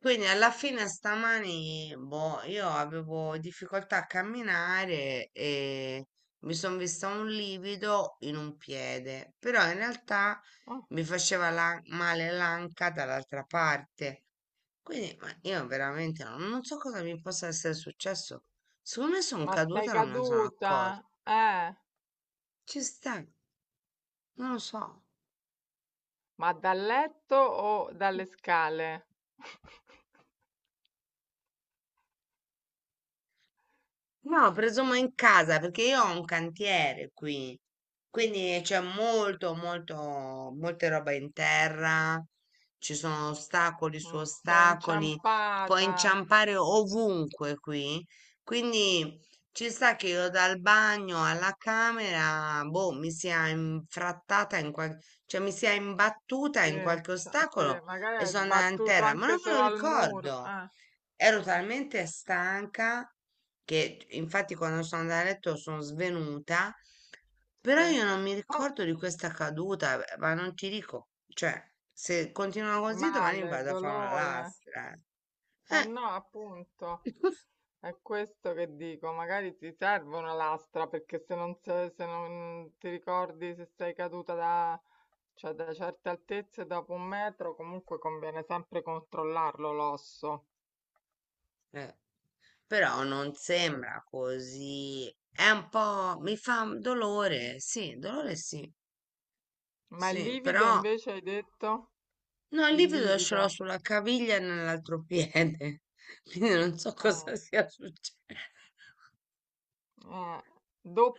Quindi alla fine stamani, boh, io avevo difficoltà a camminare e mi sono vista un livido in un piede, però in realtà Eh, mi faceva male l'anca dall'altra parte. Quindi ma io veramente non so cosa mi possa essere successo. Secondo me sono ma sei caduta e non me ne sono caduta? accorta. Ci sta, non lo so. Ma dal letto o dalle scale? No, presumo in casa perché io ho un cantiere qui, quindi c'è molte roba in terra, ci sono ostacoli su Mm, sei ostacoli, puoi inciampata. inciampare ovunque qui, quindi ci sta che io dal bagno alla camera, boh, mi sia infrattata in qualche, cioè mi sia imbattuta Sì, in qualche sì, ostacolo magari e hai sono andata in sbattuto terra, ma anche non me solo lo al muro. ricordo, ero Mm, talmente stanca che infatti quando sono andata a letto sono svenuta, sì. però io non mi Oh, ricordo di questa caduta, ma non ti dico, cioè, se continua così domani male, vado a fare una dolore. lastra. Eh Eh, no, appunto, è questo che dico, magari ti serve una lastra perché se non ti ricordi se sei caduta cioè, da certe altezze dopo un metro, comunque conviene sempre controllarlo l'osso. eh, Però non sembra così. È un po', mi fa dolore, sì, dolore, sì, Ma il sì, livido però invece hai detto? no, il Il livido ce l'ho livido. sulla caviglia e nell'altro piede, quindi non so Mm. cosa sia successo, Eh,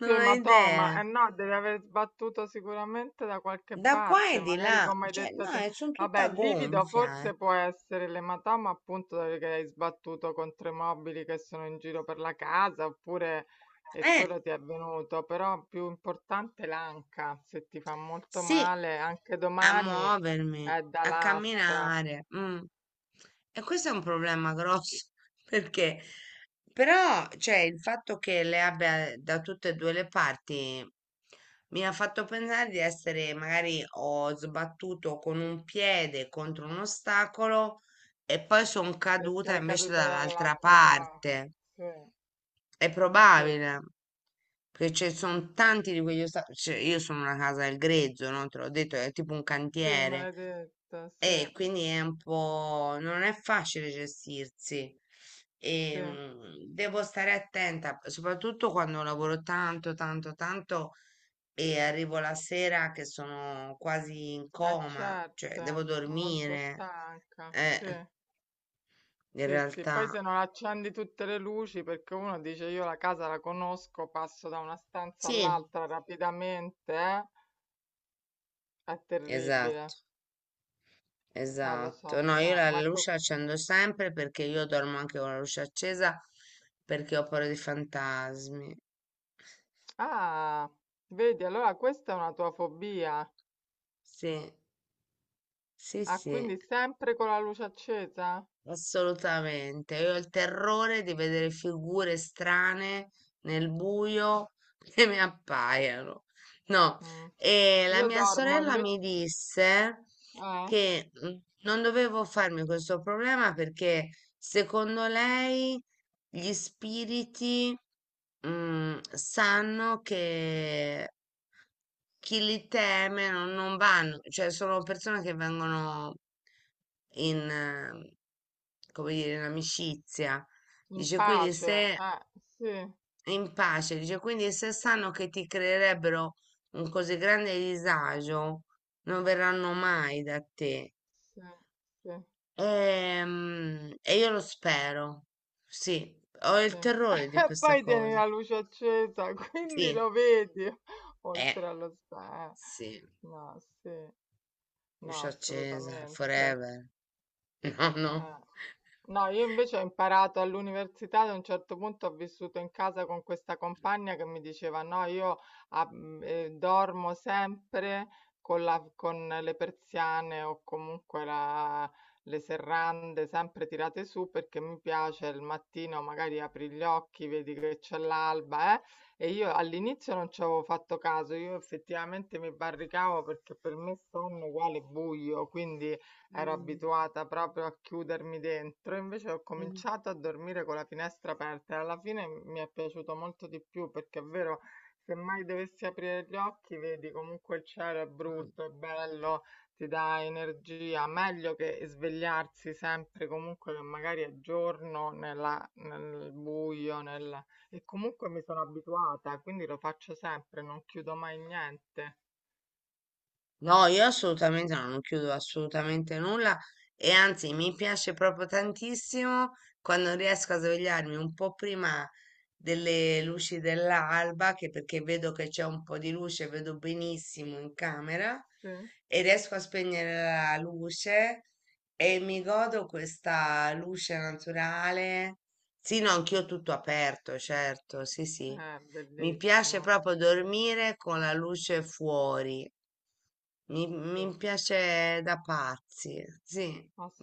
non ho ematoma, idea. eh no, deve aver sbattuto sicuramente da qualche Da qua parte, e di magari là, come hai cioè detto no, te. Sono Vabbè, tutta il livido gonfia. forse può essere l'ematoma appunto perché hai sbattuto contro i mobili che sono in giro per la casa, oppure e Eh, Eh, quello ti è avvenuto, però più importante è l'anca, se ti fa molto sì, male, anche a domani muovermi, è da a lastra, camminare. Mm. E questo è un problema grosso perché però, cioè, il fatto che le abbia da tutte e due le parti mi ha fatto pensare di essere, magari ho sbattuto con un piede contro un ostacolo e poi sono e caduta sei invece caduta dall'altra dall'altra parte. parte. È Sì, sì, probabile. Perché ci sono tanti di quegli ostacoli, cioè, io sono una casa del grezzo, no? Te l'ho detto, è tipo un sì, me cantiere l'hai detto, sì. e quindi è un po', non è facile gestirsi. Sì, E, eh devo stare attenta, soprattutto quando lavoro tanto, tanto, tanto e arrivo la sera che sono quasi in coma, cioè devo certo, molto dormire. stanca. Eh, Sì, In sì, sì. Poi realtà, se non accendi tutte le luci, perché uno dice io la casa la conosco, passo da una stanza sì, all'altra rapidamente, eh? È terribile. esatto. Lo so, Esatto, lo no, io so. la Ma luce co- la accendo sempre perché io dormo anche con la luce accesa perché ho paura dei fantasmi. ah, vedi, allora questa è una tua fobia. Sì, sì, Ah, sì. quindi sempre con la luce accesa? Assolutamente, io ho il terrore di vedere figure strane nel buio che mi appaiano. No, Mm. e la Io mia dormo sorella invece, mi disse eh, che non dovevo farmi questo problema perché secondo lei gli spiriti, sanno che chi li teme non vanno, cioè sono persone che vengono in, eh, come dire, in amicizia. in Dice quindi pace. se Sì, In pace, dice quindi se sanno che ti creerebbero un così grande disagio, non verranno mai da te. sì, sì. E, io lo spero. Sì, ho il Sì. terrore di questa Poi tieni cosa. la luce accesa, quindi lo Sì, vedi eh, oltre allo spa. sì, No, sì, no, luce accesa, assolutamente. forever. No, no. Eh. No, io invece ho imparato all'università, ad un certo punto ho vissuto in casa con questa compagna che mi diceva, no, io dormo sempre con le persiane o comunque le serrande sempre tirate su perché mi piace il mattino, magari apri gli occhi, vedi che c'è l'alba, eh? E io all'inizio non ci avevo fatto caso, io effettivamente mi barricavo perché per me sonno uguale buio, quindi... Ero Mh. abituata proprio a chiudermi dentro, invece ho Mh. cominciato a dormire con la finestra aperta e alla fine mi è piaciuto molto di più perché è vero, se mai dovessi aprire gli occhi, vedi comunque il cielo è Mh. brutto, è bello, ti dà energia, meglio che svegliarsi sempre comunque che magari è giorno nel buio, e comunque mi sono abituata, quindi lo faccio sempre, non chiudo mai niente. No, io assolutamente no, non chiudo assolutamente nulla e anzi mi piace proprio tantissimo quando riesco a svegliarmi un po' prima delle luci dell'alba, che perché vedo che c'è un po' di luce, vedo benissimo in camera Sì, e riesco a spegnere la luce e mi godo questa luce naturale. Sì, no, anch'io tutto aperto, certo, sì, sì. è Mi piace bellissimo. proprio Sì, dormire con la luce fuori, mi sì. piace da pazzi, sì,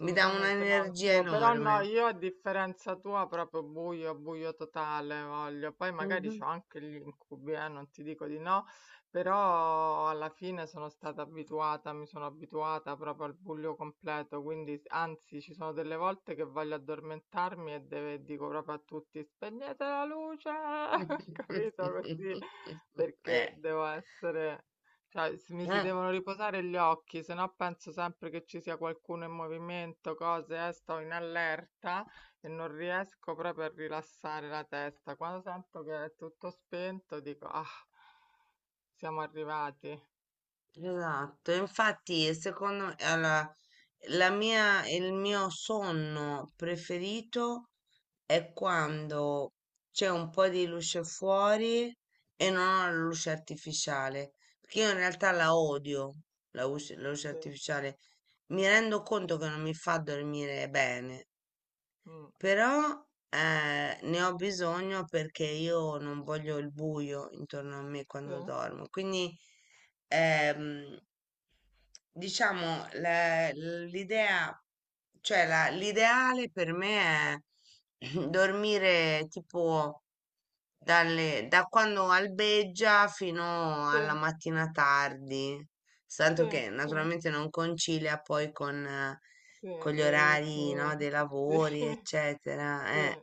mi dà no, un'energia anch'io, però no, enorme. io a differenza tua proprio buio, buio totale voglio, poi magari Mhm. c'ho anche gli incubi, non ti dico di no, però alla fine sono stata abituata, mi sono abituata proprio al buio completo, quindi anzi ci sono delle volte che voglio addormentarmi dico proprio a tutti spegnete la luce, capito così, perché Eh. devo essere... Cioè, mi si Eh. devono riposare gli occhi, se no penso sempre che ci sia qualcuno in movimento, cose, sto in allerta e non riesco proprio a rilassare la testa. Quando sento che è tutto spento, dico, ah, siamo arrivati. Esatto, infatti secondo me il mio sonno preferito è quando c'è un po' di luce fuori e non ho la luce artificiale, perché io in realtà la Mm, odio, la luce sì, artificiale. Mi rendo conto che non mi fa dormire bene, mm, però ne ho bisogno perché io non voglio il buio intorno a me sì, quando dormo, quindi. ehm, Diciamo, l'idea, cioè l'ideale per me è dormire tipo da quando albeggia fino sì, alla mattina tardi, sì, tanto che sì, naturalmente non concilia poi sì, con gli i orari, ritmi, no, dei sì, lavori, eccetera. sì,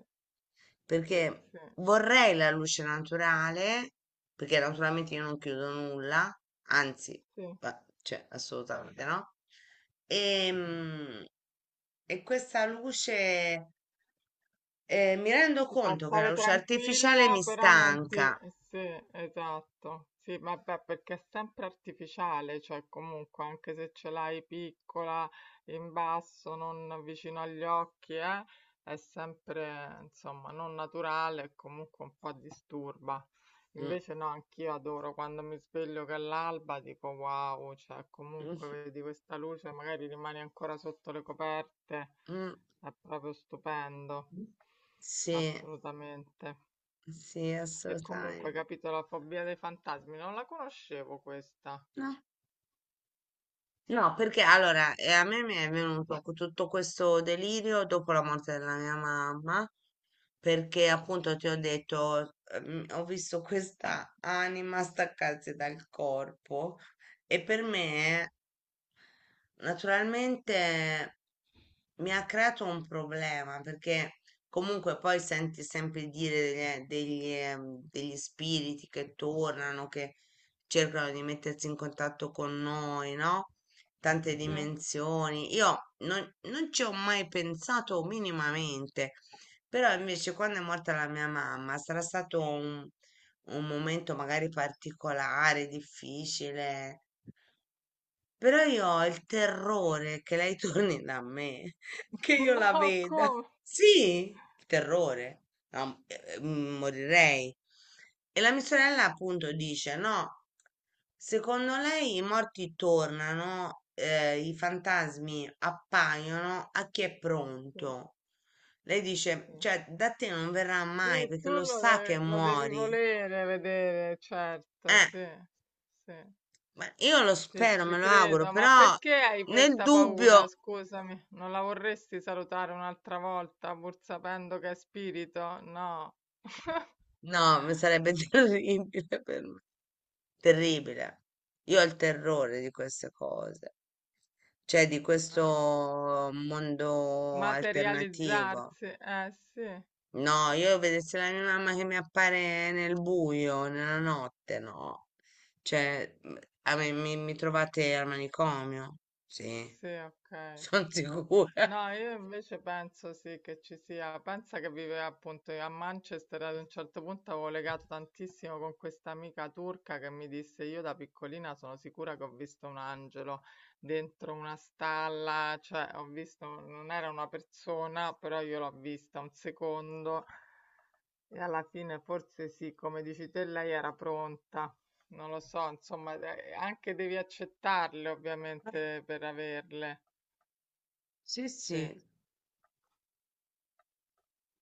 sì, Perché sì, vorrei la luce naturale, perché naturalmente io non chiudo nulla, anzi, sì. Cioè, assolutamente no. Ehm, E, questa luce, mi rendo Ti fa conto che la stare luce artificiale tranquilla, mi però non ti... stanca. Sì, esatto. Sì, vabbè, perché è sempre artificiale, cioè comunque anche se ce l'hai piccola, in basso, non vicino agli occhi, è sempre, insomma, non naturale e comunque un po' disturba. Mm, Invece no, anch'io adoro quando mi sveglio che è l'alba, dico wow, cioè comunque mm, vedi questa luce, magari rimani ancora sotto le coperte, mm. è proprio stupendo, Sì, assolutamente. sì, E comunque, assolutamente. capito, la fobia dei fantasmi, non la conoscevo questa. No. No, perché allora a me mi è venuto tutto questo delirio dopo la morte della mia mamma, perché appunto ti ho detto, ho visto questa anima staccarsi dal corpo e per me naturalmente mi ha creato un problema perché comunque poi senti sempre dire degli spiriti che tornano, che cercano di mettersi in contatto con noi, no? Tante Sì. dimensioni. Io non ci ho mai pensato minimamente, però invece quando è morta la mia mamma sarà stato un momento magari particolare, difficile però io ho il terrore che lei torni da me, che io la No, veda. come? Sì, il terrore. No, morirei. E la mia sorella appunto dice, no, secondo lei i morti tornano, i fantasmi appaiono a chi è Sì, pronto. Lei dice, sì. cioè, da te non verrà mai Sì, perché tu lo sa che lo devi muori. volere vedere, certo, Eh, sì, sì. ma io lo Sì, spero, ci me lo auguro, credo, ma però perché hai nel questa paura? dubbio. Scusami, non la vorresti salutare un'altra volta pur sapendo che è spirito? No. No, mi sarebbe terribile per me. Terribile. Io ho il terrore di queste cose, cioè di Eh, questo mondo alternativo. materializzarsi? Eh sì, No, io vedessi la mia mamma che mi appare nel buio, nella notte, no. Cioè, a me, mi trovate al manicomio? Sì, sì, ok. sono sicura. No, io invece penso sì che ci sia, pensa che viveva appunto a Manchester, ad un certo punto avevo legato tantissimo con questa amica turca che mi disse io da piccolina sono sicura che ho visto un angelo dentro una stalla, cioè ho visto, non era una persona, però io l'ho vista un secondo e alla fine forse sì, come dici te, lei era pronta. Non lo so, insomma, anche devi accettarle Eh, ovviamente per averle. Sì, sì. Sì.